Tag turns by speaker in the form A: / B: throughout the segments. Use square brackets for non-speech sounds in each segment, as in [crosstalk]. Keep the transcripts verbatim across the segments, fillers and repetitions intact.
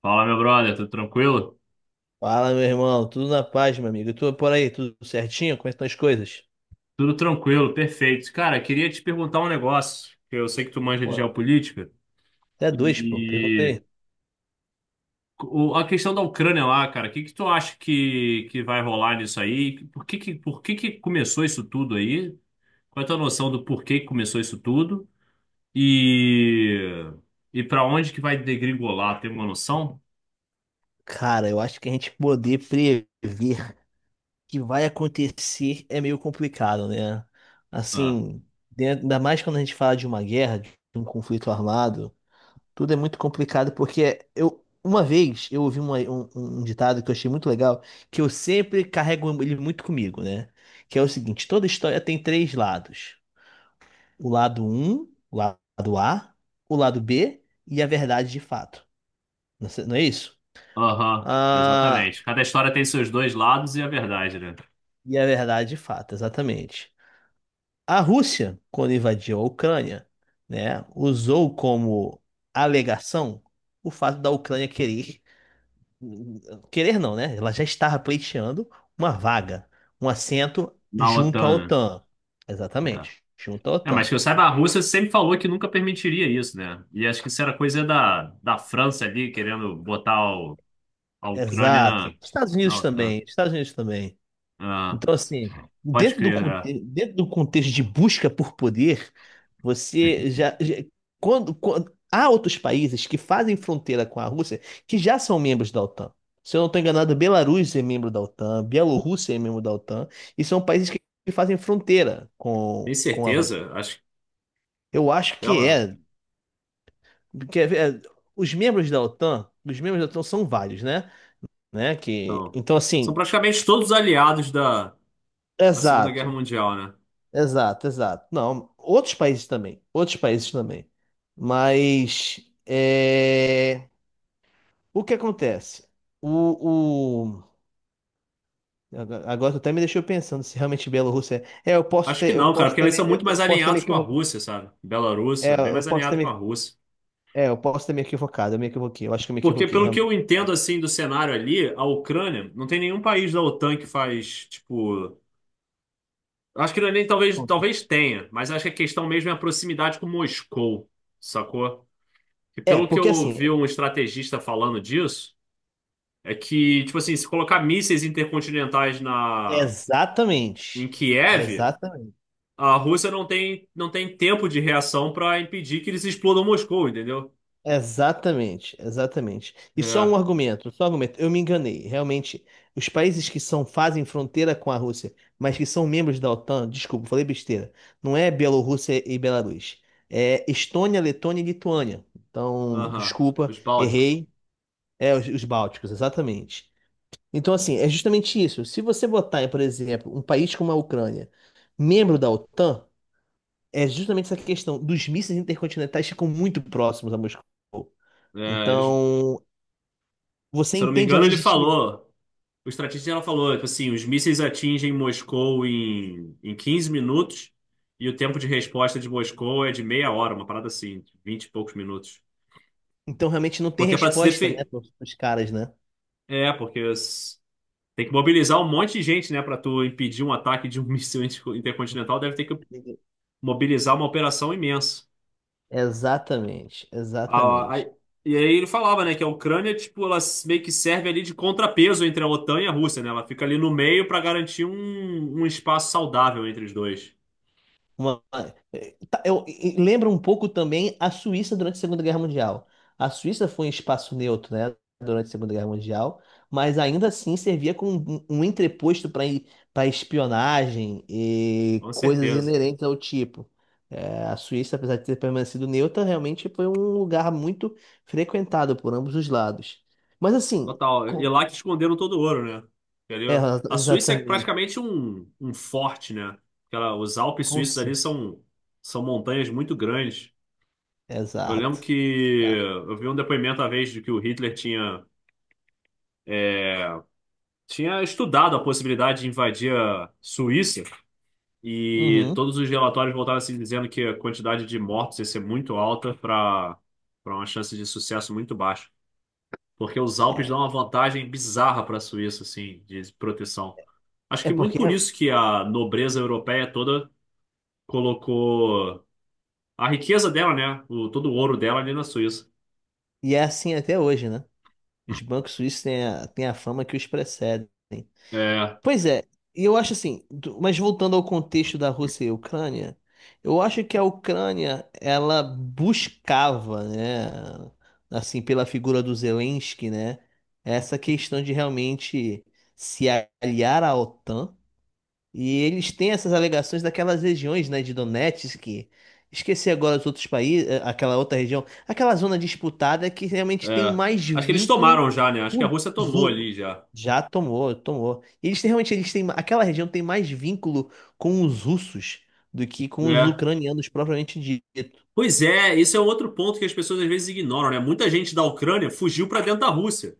A: Fala, meu brother, tudo tranquilo?
B: Fala, meu irmão. Tudo na paz, meu amigo. E tu por aí, tudo certinho? Como é que estão as coisas?
A: Tudo tranquilo, perfeito. Cara, queria te perguntar um negócio, que eu sei que tu manja de
B: Pô,
A: geopolítica,
B: até dois, pô. Pergunta aí.
A: e o- a questão da Ucrânia lá, cara, o que que tu acha que, que vai rolar nisso aí? Por que que, por que que começou isso tudo aí? Qual é a tua noção do porquê que começou isso tudo? E, e para onde que vai degringolar? Tem uma noção?
B: Cara, eu acho que a gente poder prever o que vai acontecer é meio complicado, né?
A: Ah,
B: Assim, dentro- ainda mais quando a gente fala de uma guerra, de um conflito armado, tudo é muito complicado porque eu, uma vez eu ouvi uma- um, um um ditado que eu achei muito legal, que eu sempre carrego ele muito comigo, né? Que é o seguinte, toda história tem três lados. O lado um o lado A, o lado B e a verdade de fato. Não sei- não é isso?
A: aham,
B: Ah,
A: exatamente. Cada história tem seus dois lados e a verdade, né?
B: e a verdade de fato, exatamente. A Rússia, quando invadiu a Ucrânia, né, usou como alegação o fato da Ucrânia querer, querer não, né? Ela já estava pleiteando uma vaga, um assento
A: Na
B: junto à
A: O T A N,
B: OTAN.
A: né?
B: Exatamente, junto à
A: É. É, mas
B: OTAN.
A: que eu saiba, a Rússia sempre falou que nunca permitiria isso, né? E acho que isso era coisa da, da França ali, querendo botar o- a Ucrânia na,
B: Exato. Estados
A: na
B: Unidos
A: O TAN.
B: também, Estados Unidos também.
A: Ah,
B: Então, assim,
A: pode
B: dentro do,
A: crer, é.
B: conte- dentro do contexto de busca por poder, você já, já- quando, quando- há outros países que fazem fronteira com a Rússia que já são membros da OTAN. Se eu não estou enganado, Belarus é membro da OTAN, Bielorrússia é membro da OTAN, e são países que, que fazem fronteira com,
A: Tem
B: com a Rússia.
A: certeza? Acho
B: Eu acho
A: que
B: que
A: ela.
B: é, porque é- é, os membros da OTAN, os membros da OTAN são vários, né? Né? Que,
A: Então,
B: então,
A: são
B: assim,
A: praticamente todos aliados da, da Segunda Guerra
B: exato.
A: Mundial, né?
B: Exato, exato. Não, outros países também, outros países também. Mas é, o que acontece? O, o... Agora agora tu até me deixou pensando se realmente Bielorrússia é. É, eu posso
A: Acho que
B: ter, eu
A: não, cara,
B: posso
A: porque
B: ter,
A: eles
B: me-
A: são
B: eu,
A: muito mais
B: eu posso ter me
A: alinhados com a
B: equivocado.
A: Rússia, sabe? Belarus
B: É,
A: é bem
B: eu
A: mais
B: posso ter
A: alinhado com a
B: me...
A: Rússia.
B: é, eu posso ter me equivocado, eu me equivoquei. Eu acho que eu me
A: Porque,
B: equivoquei,
A: pelo que
B: realmente.
A: eu entendo, assim, do cenário ali, a Ucrânia, não tem nenhum país da O TAN que faz, tipo. Acho que não é nem talvez, talvez tenha, mas acho que a questão mesmo é a proximidade com Moscou, sacou? E
B: É,
A: pelo que eu
B: porque assim,
A: ouvi um estrategista falando disso, é que, tipo assim, se colocar mísseis intercontinentais na em
B: exatamente,
A: Kiev,
B: exatamente.
A: a Rússia não tem, não tem tempo de reação para impedir que eles explodam Moscou, entendeu?
B: Exatamente, exatamente. E só um
A: É,
B: argumento, só um argumento. Eu me enganei. Realmente, os países que são fazem fronteira com a Rússia, mas que são membros da OTAN, desculpa, falei besteira. Não é Bielorrússia e Belarus. É Estônia, Letônia e Lituânia. Então,
A: aham,
B: desculpa,
A: os Bálticos.
B: errei. É os, os Bálticos, exatamente. Então, assim, é justamente isso. Se você botar, por exemplo, um país como a Ucrânia, membro da OTAN, é justamente essa questão dos mísseis intercontinentais ficam muito próximos a Moscou.
A: É, eles,
B: Então, você
A: se eu não me
B: entende a
A: engano, ele
B: legitimidade.
A: falou. O estrategista ela falou, tipo assim, os mísseis atingem Moscou em, em quinze minutos e o tempo de resposta de Moscou é de meia hora, uma parada assim, vinte e poucos minutos.
B: Então, realmente não tem
A: Porque é pra se
B: resposta, né,
A: defender.
B: para os caras, né?
A: É, porque s- tem que mobilizar um monte de gente, né, pra tu impedir um ataque de um [laughs] míssil inter- intercontinental, deve ter que mobilizar uma operação imensa.
B: Exatamente,
A: A-
B: exatamente.
A: a- e aí ele falava, né, que a Ucrânia, tipo, ela s- meio que serve ali de contrapeso entre a O TAN e a Rússia, né? Ela fica ali no meio pra garantir um, um espaço saudável entre os dois.
B: Uma, Tá, Eu, e- e lembra um pouco também a Suíça durante a Segunda Guerra Mundial. A Suíça foi um espaço neutro, né, durante a Segunda Guerra Mundial, mas ainda assim servia como um, um entreposto para para espionagem e
A: Com
B: coisas
A: certeza.
B: inerentes ao tipo. É, a Suíça, apesar de ter permanecido neutra, realmente foi um lugar muito frequentado por ambos os lados. Mas assim,
A: Total. E
B: com-
A: lá que esconderam todo o ouro, né?
B: é,
A: Entendeu?
B: [laughs]
A: A Suíça é
B: exatamente,
A: praticamente um, um forte, né? Aquela, os Alpes
B: com-
A: suíços ali
B: exato.
A: são, são montanhas muito grandes. Eu lembro
B: Exato.
A: que
B: Tá.
A: eu vi um depoimento uma vez de que o Hitler tinha, é, tinha estudado a possibilidade de invadir a Suíça e
B: Uhum.
A: todos os relatórios voltaram assim dizendo que a quantidade de mortos ia ser muito alta para para uma chance de sucesso muito baixa. Porque os Alpes
B: É,
A: dão uma vantagem bizarra para a Suíça, assim, de proteção. Acho
B: é
A: que muito
B: porque
A: por isso que a nobreza europeia toda colocou a riqueza dela, né? O, todo o ouro dela ali na Suíça.
B: e é assim até hoje, né? Os bancos suíços têm a, têm a fama que os precedem.
A: É,
B: Pois é, e eu acho assim, do- mas voltando ao contexto da Rússia e Ucrânia, eu acho que a Ucrânia, ela buscava, né, assim, pela figura do Zelensky, né, essa questão de realmente se aliar à OTAN e eles têm essas alegações daquelas regiões, né, de Donetsk, esqueci agora os outros países, eh, aquela outra região, aquela zona disputada que realmente tem
A: é.
B: mais
A: Acho que eles
B: vínculo
A: tomaram já, né? Acho que a
B: com
A: Rússia
B: os
A: tomou
B: u-
A: ali já.
B: Já tomou, tomou. E eles têm, realmente eles têm, aquela região tem mais vínculo com os russos do que com os
A: É.
B: ucranianos propriamente dito,
A: Pois é, esse é um outro ponto que as pessoas às vezes ignoram, né? Muita gente da Ucrânia fugiu para dentro da Rússia,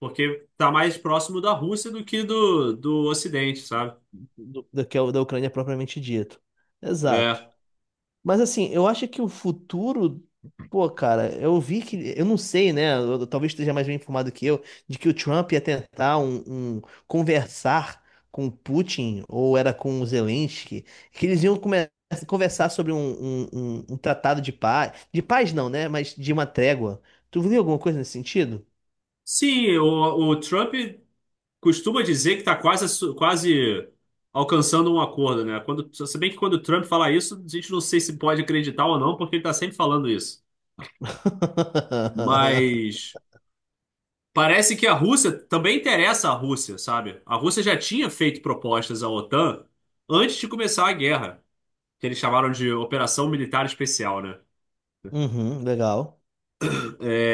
A: porque tá mais próximo da Rússia do que do, do Ocidente, sabe?
B: do, do que é o da Ucrânia propriamente dito. Exato.
A: É.
B: Mas assim, eu acho que o futuro. Pô, cara, eu vi que. Eu não sei, né? eu- talvez esteja mais bem informado que eu, de que o Trump ia tentar um, um- conversar com o Putin, ou era com o Zelensky, que eles iam come- conversar sobre um, um, um- um tratado de paz. De paz não, né? Mas de uma trégua. Tu viu alguma coisa nesse sentido?
A: Sim, o, o Trump costuma dizer que está quase, quase alcançando um acordo, né? Quando, se bem que quando o Trump fala isso, a gente não sei se pode acreditar ou não, porque ele está sempre falando isso.
B: [laughs]
A: Mas parece que a Rússia também interessa a Rússia, sabe? A Rússia já tinha feito propostas à O TAN antes de começar a guerra, que eles chamaram de Operação Militar Especial, né?
B: Uhum, legal.
A: É,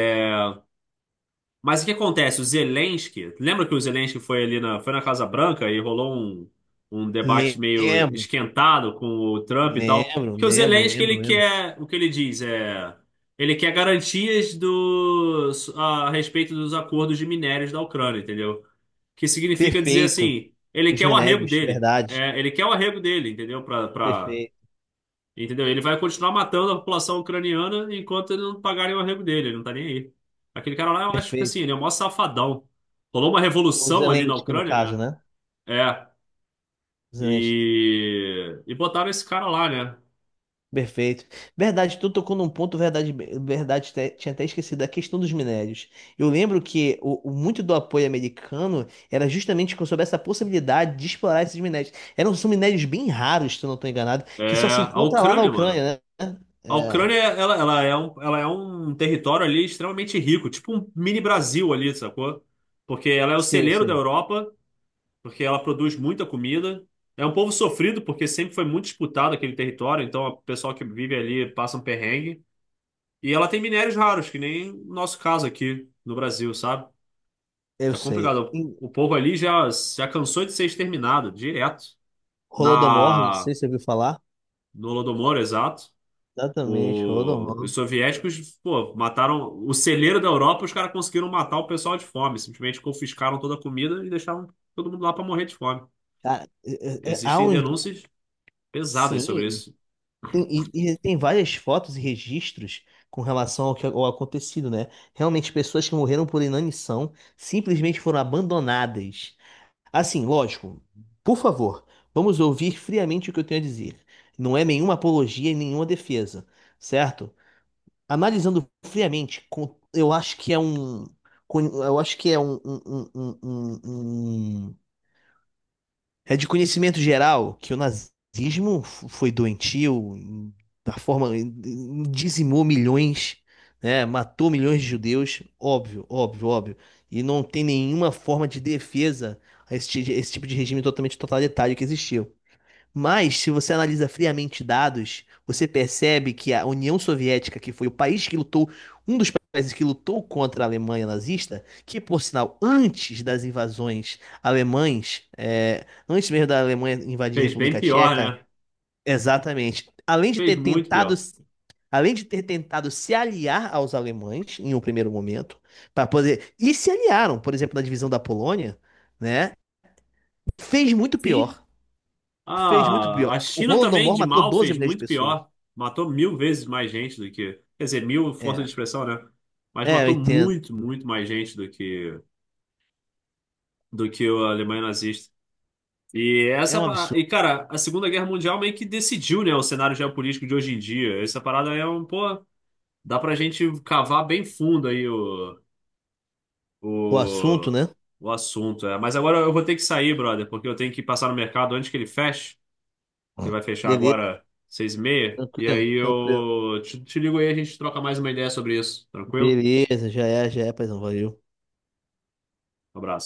A: mas o que acontece? O Zelensky, lembra que o Zelensky foi ali na, foi na Casa Branca e rolou um, um debate meio
B: Lembro,
A: esquentado com o Trump e tal?
B: lembro,
A: Que o
B: lembro,
A: Zelensky, ele
B: lembro, lembro.
A: quer, o que ele diz é, ele quer garantias do, a respeito dos acordos de minérios da Ucrânia, entendeu? Que significa dizer
B: Perfeito.
A: assim, ele
B: Os
A: quer o arrego
B: minérios,
A: dele,
B: verdade.
A: é, ele quer o arrego dele, entendeu? Para
B: Perfeito,
A: entendeu? Ele vai continuar matando a população ucraniana enquanto ele não pagarem o arrego dele, ele não tá nem aí. Aquele cara lá, eu acho que
B: perfeito.
A: assim, ele é o maior safadão. Rolou uma
B: O
A: revolução ali na
B: Zelensky, no
A: Ucrânia,
B: caso,
A: né?
B: né?
A: É.
B: Zelensky.
A: E, e botaram esse cara lá, né?
B: Perfeito. Verdade, tu tocou num ponto, verdade, verdade, te- tinha até esquecido a questão dos minérios. Eu lembro que o, o- muito do apoio americano era justamente sobre essa possibilidade de explorar esses minérios. Eram, são minérios bem raros, se eu não estou enganado, que
A: É,
B: só se
A: a
B: encontra lá na
A: Ucrânia, mano.
B: Ucrânia, né?
A: A
B: É,
A: Ucrânia, ela, ela é um, ela é um território ali extremamente rico, tipo um mini Brasil ali, sacou? Porque ela é o
B: sim, eu
A: celeiro da
B: sei.
A: Europa porque ela produz muita comida. É um povo sofrido, porque sempre foi muito disputado aquele território, então o pessoal que vive ali passa um perrengue. E ela tem minérios raros, que nem o nosso caso aqui no Brasil, sabe?
B: Eu
A: É
B: sei.
A: complicado.
B: Em
A: O povo ali já, já cansou de ser exterminado, direto.
B: Holodomor, não
A: Na,
B: sei se você ouviu falar.
A: no Holodomor, exato.
B: Exatamente,
A: O- os
B: Holodomor.
A: soviéticos, pô, mataram o celeiro da Europa, os caras conseguiram matar o pessoal de fome. Simplesmente confiscaram toda a comida e deixaram todo mundo lá para morrer de fome.
B: Cara, é- é- é- há
A: Existem
B: uns.
A: denúncias pesadas sobre
B: Sim,
A: isso.
B: tem, e, e tem várias fotos e registros com relação ao que ao acontecido, né? Realmente, pessoas que morreram por inanição simplesmente foram abandonadas. Assim, lógico, por favor, vamos ouvir friamente o que eu tenho a dizer. Não é nenhuma apologia e nenhuma defesa, certo? Analisando friamente, com- eu acho que é um. com- Eu acho que é um, um, um, um, um- um é de conhecimento geral que o nazismo f- foi doentio, em- da forma em- em- dizimou milhões, né? Matou milhões de judeus, óbvio, óbvio, óbvio. E não tem nenhuma forma de defesa a esse, ti- esse tipo de regime totalmente totalitário que existiu. Mas, se você analisa friamente dados, você percebe que a União Soviética, que foi o país que lutou, um dos países que lutou contra a Alemanha nazista, que, por sinal, antes das invasões alemães, é, antes mesmo da Alemanha invadir a
A: Fez bem
B: República
A: pior,
B: Tcheca,
A: né?
B: exatamente, além de
A: Fez
B: ter
A: muito
B: tentado,
A: pior.
B: além de ter tentado se aliar aos alemães em um primeiro momento, para poder, e se aliaram, por exemplo, na divisão da Polônia, né? Fez muito
A: Sim,
B: pior. Fez muito
A: ah, a
B: pior. O
A: China também,
B: Holodomor
A: de
B: matou
A: mal,
B: doze
A: fez
B: milhões de
A: muito
B: pessoas.
A: pior. Matou mil vezes mais gente do que. Quer dizer, mil, força
B: É,
A: de expressão, né? Mas
B: é, eu
A: matou
B: entendo.
A: muito, muito mais gente do que, do que a Alemanha nazista. E
B: É
A: essa.
B: um
A: pa- E,
B: absurdo.
A: cara, a Segunda Guerra Mundial meio que decidiu, né, o cenário geopolítico de hoje em dia. Essa parada é um. Pô, dá pra gente cavar bem fundo aí
B: O assunto,
A: o,
B: né?
A: o assunto. É. Mas agora eu vou ter que sair, brother, porque eu tenho que passar no mercado antes que ele feche. Ele vai fechar
B: Beleza,
A: agora seis e meia. E
B: tranquilo,
A: aí
B: tranquilo.
A: eu te, te ligo aí, a gente troca mais uma ideia sobre isso. Tranquilo?
B: Beleza, já é, já é, paizão, valeu.
A: Um abraço.